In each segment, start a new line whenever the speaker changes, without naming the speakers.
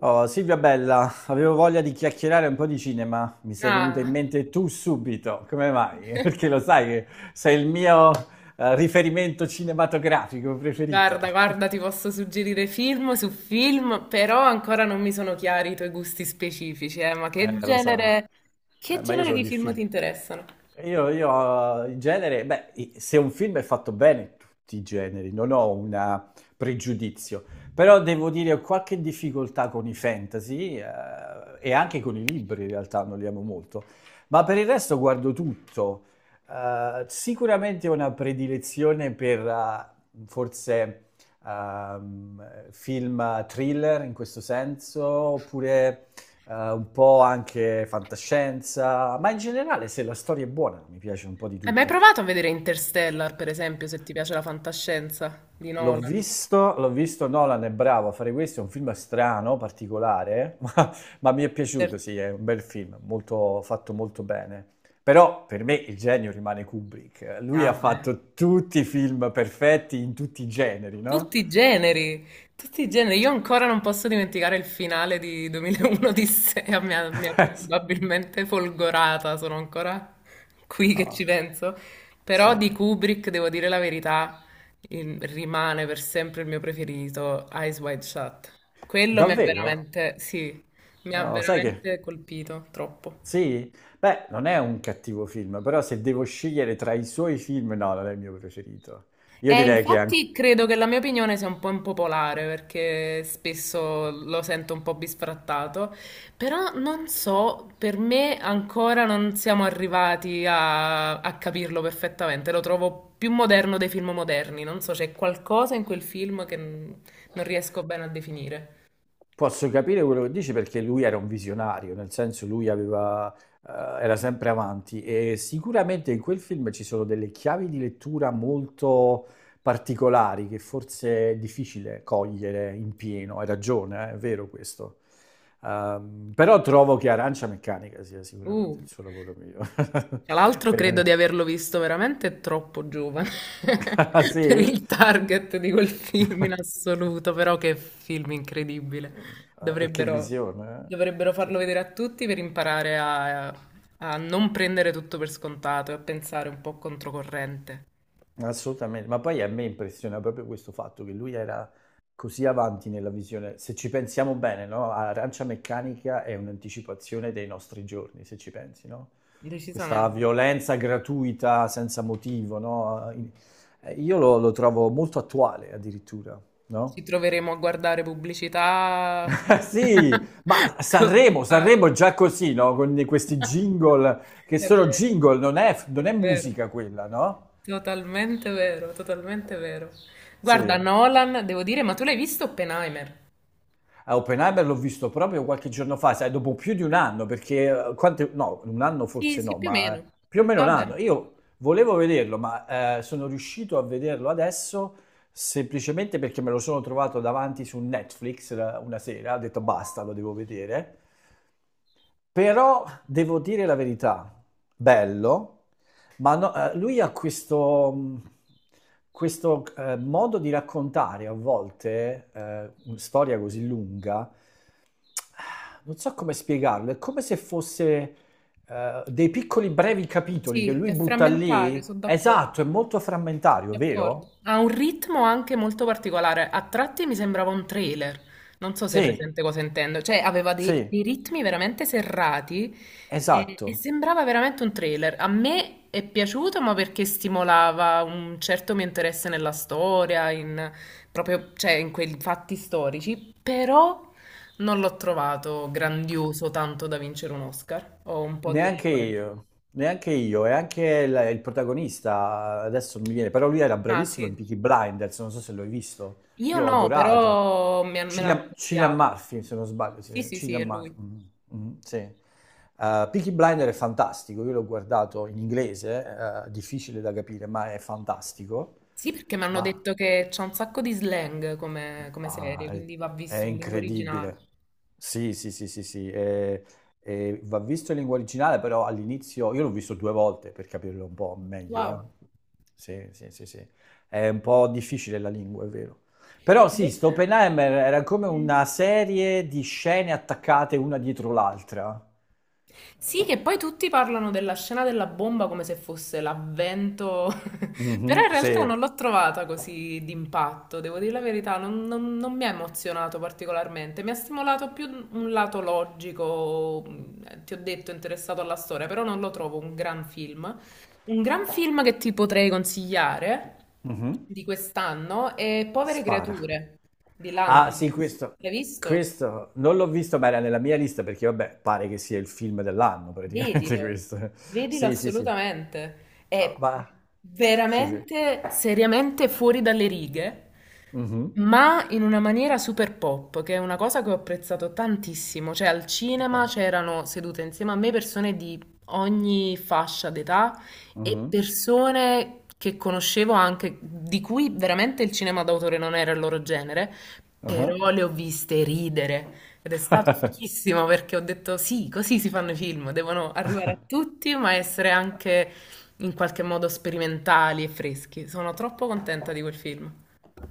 Oh, Silvia bella, avevo voglia di chiacchierare un po' di cinema, mi sei venuta in
Ah,
mente tu subito, come mai? Perché lo sai che sei il mio riferimento cinematografico
guarda,
preferito.
guarda, ti posso suggerire film su film, però ancora non mi sono chiari i tuoi gusti specifici, ma
Lo so.
che
Ma io
genere
sono
di film ti
difficile.
interessano?
Io in genere, beh, se un film è fatto bene, tutti i generi, non ho un pregiudizio, però devo dire ho qualche difficoltà con i fantasy, e anche con i libri, in realtà non li amo molto, ma per il resto guardo tutto. Sicuramente ho una predilezione per, forse film thriller in questo senso, oppure, un po' anche fantascienza, ma in generale se la storia è buona mi piace un po' di
Hai mai
tutto.
provato a vedere Interstellar, per esempio, se ti piace la fantascienza di Nolan?
L'ho visto, Nolan è bravo a fare questo, è un film strano, particolare, ma mi è piaciuto,
Certo.
sì, è un bel film, molto, fatto molto bene. Però per me il genio rimane Kubrick. Lui ha
Ah, beh.
fatto tutti i film perfetti in tutti i generi, no?
Tutti i generi, tutti i generi. Io ancora non posso dimenticare il finale di 2001 Odissea, mi ha probabilmente folgorata, sono ancora qui che
Ah,
ci penso. Però
sì.
di Kubrick, devo dire la verità, rimane per sempre il mio preferito, Eyes Wide Shut. Quello mi ha
Davvero?
veramente, sì, mi ha
Oh, sai che...
veramente colpito troppo.
Sì? Beh, non è un cattivo film, però se devo scegliere tra i suoi film, no, non è il mio preferito. Io
E
direi che anche...
infatti credo che la mia opinione sia un po' impopolare perché spesso lo sento un po' bisfrattato, però non so, per me ancora non siamo arrivati a capirlo perfettamente, lo trovo più moderno dei film moderni, non so, c'è qualcosa in quel film che non riesco bene a definire.
Posso capire quello che dici perché lui era un visionario, nel senso lui aveva, eh, era sempre avanti e sicuramente in quel film ci sono delle chiavi di lettura molto particolari che forse è difficile cogliere in pieno. Hai ragione, è vero questo. Però trovo che Arancia Meccanica sia
Uh.
sicuramente il suo lavoro migliore
Tra l'altro
per
credo di
me.
averlo visto veramente troppo giovane
Ah,
per
sì?
il target di quel film in assoluto, però che film incredibile.
E che
Dovrebbero,
visione, eh?
dovrebbero
Sì.
farlo vedere a tutti per imparare a, a non prendere tutto per scontato e a pensare un po' controcorrente.
Assolutamente, ma poi a me impressiona proprio questo fatto che lui era così avanti nella visione. Se ci pensiamo bene, no? Arancia Meccanica è un'anticipazione dei nostri giorni, se ci pensi, no? Questa
Decisamente.
violenza gratuita senza motivo, no? Io lo trovo molto attuale addirittura,
Ci
no?
troveremo a guardare pubblicità.
Sì, ma Sanremo,
Costante.
Sanremo è già così, no? Con questi jingle che
È
sono
vero,
jingle,
è
non è
vero.
musica quella, no?
Totalmente vero, totalmente vero. Guarda,
Sì.
Nolan, devo dire, ma tu l'hai visto Oppenheimer?
A Oppenheimer l'ho visto proprio qualche giorno fa, sai, dopo più di un anno, perché, quante, no, un anno
Sì,
forse
sì,
no,
più o
ma,
meno.
più o
Mm,
meno un anno.
vabbè,
Io volevo vederlo, ma, sono riuscito a vederlo adesso semplicemente perché me lo sono trovato davanti su Netflix, una sera, ho detto basta, lo devo vedere. Però devo dire la verità, bello, ma lui ha questo modo di raccontare a volte, una storia così lunga, non so come spiegarlo, è come se fosse, dei piccoli brevi capitoli che
sì,
lui
è
butta
frammentario,
lì.
sono d'accordo.
Esatto, è molto frammentario,
D'accordo.
vero?
Ha un ritmo anche molto particolare. A tratti mi sembrava un trailer. Non so se hai
Sì,
presente cosa intendo. Cioè, aveva dei,
sì,
dei ritmi veramente serrati e
esatto.
sembrava veramente un trailer. A me è piaciuto, ma perché stimolava un certo mio interesse nella storia, in, proprio, cioè, in quei fatti storici, però non l'ho trovato grandioso tanto da vincere un Oscar. Ho un po' di
Neanche
remore.
io, neanche io, e anche il protagonista adesso non mi viene, però lui era
Ah,
bravissimo in
sì.
Peaky Blinders, non so se l'hai visto,
Io
io ho
no,
adorato.
però me l'hanno
Cillian, Cillian
consigliato.
Murphy, se non sbaglio, sì,
Sì, sì, sì,
Cillian
è
Murphy,
lui.
mm, mm, sì. Peaky Blinders è fantastico, io l'ho guardato in inglese, difficile da capire, ma è fantastico.
Sì, perché mi hanno
Ma
detto che c'è un sacco di slang come, come
ah,
serie, quindi va
è
visto in lingua
incredibile.
originale.
Sì, sì, sì, sì, sì. E va visto in lingua originale, però all'inizio io l'ho visto due volte per capirlo un po' meglio, eh.
Wow.
Sì, sì, sì, sì. È un po' difficile la lingua, è vero. Però sì, sto
Invece...
Oppenheimer era come
Mm.
una serie di scene attaccate una dietro l'altra.
Sì, che poi tutti parlano della scena della bomba come se fosse l'avvento. Però
Mhm,
in realtà
sì.
non l'ho trovata così d'impatto, devo dire la verità, non mi ha emozionato particolarmente, mi ha stimolato più un lato logico, ti ho detto, interessato alla storia, però non lo trovo un gran film. Un gran film che ti potrei consigliare
Mhm.
di quest'anno è Povere
Spara.
Creature di
Ah, sì,
Lanthimos.
questo,
L'hai visto?
questo non l'ho visto, ma era nella mia lista perché, vabbè, pare che sia il film dell'anno praticamente
Vedilo,
questo.
vedilo
Sì, sì, sì.
assolutamente. È
Ma, ma- sì, sì.
veramente, seriamente fuori dalle righe.
Mhm.
Ma in una maniera super pop, che è una cosa che ho apprezzato tantissimo. Cioè, al cinema
Ok.
c'erano sedute insieme a me persone di ogni fascia d'età e
Mhm.
persone che conoscevo anche, di cui veramente il cinema d'autore non era il loro genere,
Ah.
però le ho viste ridere. Ed è stato fichissimo perché ho detto sì, così si fanno i film, devono arrivare a tutti, ma essere
Ah.
anche in qualche modo sperimentali e freschi. Sono troppo contenta di quel film,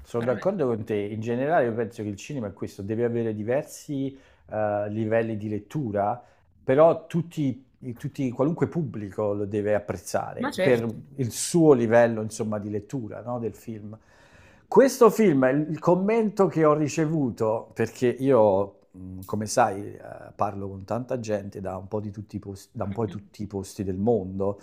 Sono
veramente.
d'accordo con te. In generale, io penso che il cinema è questo, deve avere diversi, livelli di lettura, però tutti, qualunque pubblico lo deve
Ma
apprezzare per
certo,
il suo livello, insomma, di lettura, no, del film. Questo film, il commento che ho ricevuto, perché io, come sai, parlo con tanta gente da un po' di tutti i posti, da un po' di tutti i posti del mondo,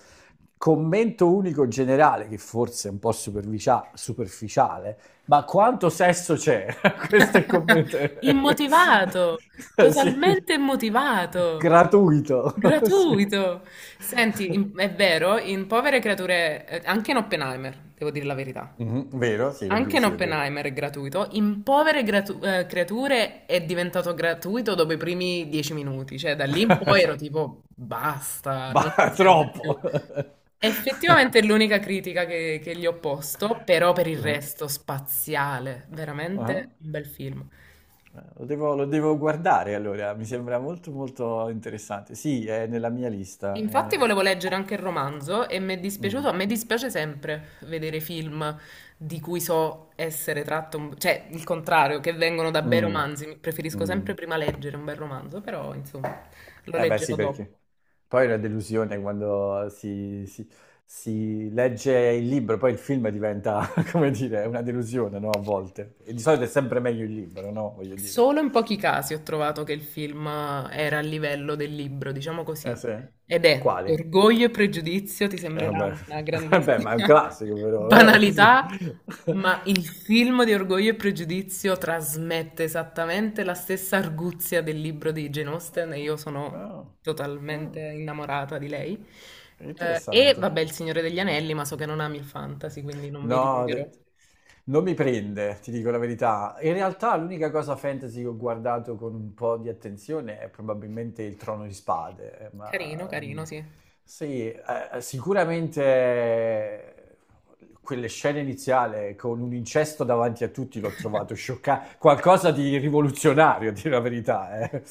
commento unico generale, che forse è un po' superficiale, ma quanto sesso c'è? Questo è il commento.
immotivato,
Sì.
totalmente immotivato,
Gratuito. Sì.
gratuito. Senti, è vero, in Povere Creature, anche in Oppenheimer, devo dire la verità,
Mhm, vero? Sì,
anche in
sì, è vero.
Oppenheimer è gratuito, in Creature è diventato gratuito dopo i primi dieci minuti, cioè da lì in poi ero tipo, basta, non ci
Ma
serve più.
troppo.
Effettivamente è l'unica critica che gli ho posto, però per il
Eh?
resto spaziale,
Ah.
veramente un bel film.
Lo devo guardare allora, mi sembra molto molto interessante. Sì, è nella mia lista.
Infatti
È...
volevo leggere anche il romanzo e mi è dispiaciuto,
Mm.
a me dispiace sempre vedere film di cui so essere tratto, cioè il contrario, che vengono da bei
Mm.
romanzi, preferisco sempre
Mm.
prima leggere un bel romanzo, però insomma lo
Eh beh sì,
leggerò
perché
dopo.
poi è una delusione quando si legge il libro, poi il film diventa, come dire, una delusione, no? A volte. E di solito è sempre meglio il libro, no? Voglio dire.
Solo in pochi casi ho trovato che il film era a livello del libro, diciamo così.
Eh sì?
Ed è
Quali?
Orgoglio e Pregiudizio, ti sembrerà
Vabbè.
una
Vabbè, ma è un
grandissima
classico però, eh? Sì.
banalità, ma il film di Orgoglio e Pregiudizio trasmette esattamente la stessa arguzia del libro di Jane Austen e io sono
Ah,
totalmente
ah,
innamorata di lei. E vabbè,
interessante.
Il Signore degli Anelli, ma so che non ami il fantasy, quindi non mi
No,
dilungherò.
de- non mi prende, ti dico la verità. In realtà l'unica cosa fantasy che ho guardato con un po' di attenzione è probabilmente il Trono di Spade,
Carino,
ma mm,
carino, sì.
sì, sicuramente, quelle scene iniziali con un incesto davanti a tutti l'ho trovato scioccante, qualcosa di
Sì.
rivoluzionario, a dire la verità, eh.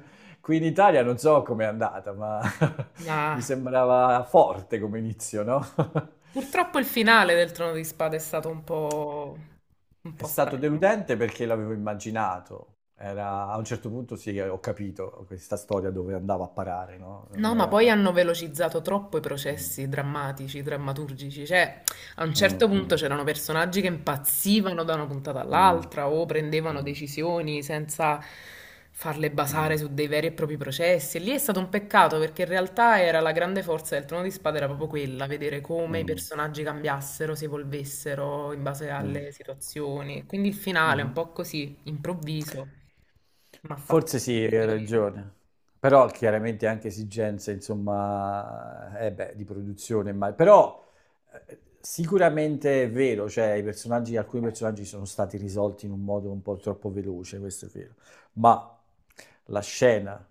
Qui in Italia non so com'è andata, ma
Ma
mi sembrava forte come inizio, no?
purtroppo il finale del Trono di Spade è stato un
È
po'
stato
strano.
deludente perché l'avevo immaginato. Era, a un certo punto sì, ho capito questa storia dove andava a parare, no? Non
No, ma poi
era...
hanno velocizzato troppo i
Mm,
processi drammatici, drammaturgici, cioè a un
mm,
certo punto
mm,
c'erano personaggi che impazzivano da una puntata
mm,
all'altra o prendevano
mm,
decisioni senza farle basare
mm,
su dei veri e propri processi. E lì è stato un peccato perché in realtà era la grande forza del Trono di Spada, era proprio quella, vedere come i
mm.
personaggi cambiassero, si evolvessero in base
Mm.
alle situazioni. Quindi il finale è un
Mhm.
po' così, improvviso, mi ha fatto
Forse
un
sì,
po'
hai
dispiacere.
ragione. Però chiaramente anche esigenze, insomma, eh beh, di produzione, ma però, sicuramente è vero, cioè i personaggi, alcuni personaggi sono stati risolti in un modo un po' troppo veloce, questo è vero. Ma la scena,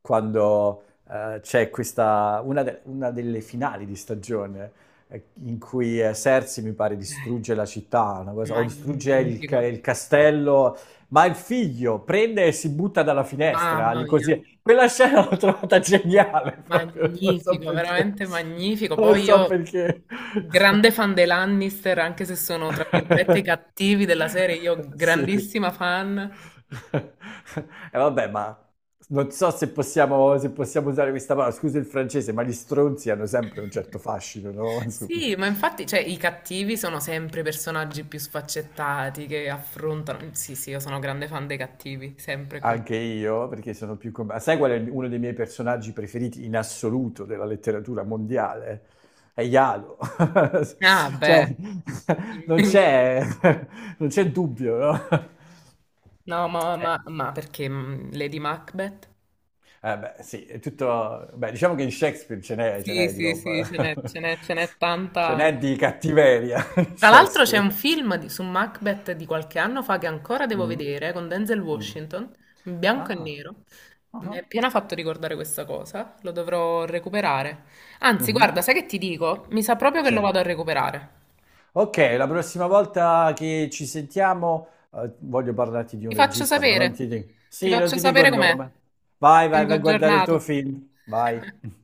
quando, c'è una delle finali di stagione, in cui, Cersei mi pare
Eh.
distrugge la città, o distrugge
Magnifico,
il castello, ma il figlio prende e si butta dalla finestra,
mamma
lì
mia,
così. Quella scena l'ho trovata geniale proprio, non so
magnifico,
perché.
veramente magnifico.
Non
Poi
so
io,
perché.
grande fan dei Lannister, anche se sono tra virgolette i cattivi della serie, io
Sì.
grandissima fan.
E vabbè, ma non so se possiamo, se possiamo usare questa parola, scusa il francese, ma gli stronzi hanno sempre un certo fascino, no? Insomma.
Sì, ma infatti, cioè, i cattivi sono sempre i personaggi più sfaccettati che affrontano. Sì, sì, io sono grande fan dei cattivi, sempre e comunque.
Anche io, perché sono più... Sai qual è uno dei miei personaggi preferiti in assoluto della letteratura mondiale? È Ialo.
Ah, beh.
Cioè, non c'è, non c'è dubbio, no?
No, perché mm, Lady Macbeth?
Eh beh, sì, è tutto... Beh, diciamo che in Shakespeare ce
Sì,
n'è di
sì,
roba.
sì, ce n'è tanta
Ce n'è
anche.
di cattiveria in
Tra l'altro c'è
Shakespeare.
un film su Macbeth di qualche anno fa che ancora devo
Mm,
vedere, con Denzel
mm.
Washington, in bianco e
Ah,
nero.
ah,
Mi ha
ah.
appena fatto ricordare questa cosa, lo dovrò recuperare. Anzi, guarda,
Mhm.
sai che ti dico? Mi sa proprio che lo
Sì.
vado a recuperare.
Ok, la prossima volta che ci sentiamo, voglio parlarti di un
Ti faccio
regista, ma non ti
sapere,
dico.
ti
Sì, non
faccio
ti dico
sapere
il
com'è.
nome. Vai,
Ti
vai,
tengo
vai a guardare il
aggiornato.
tuo film. Vai.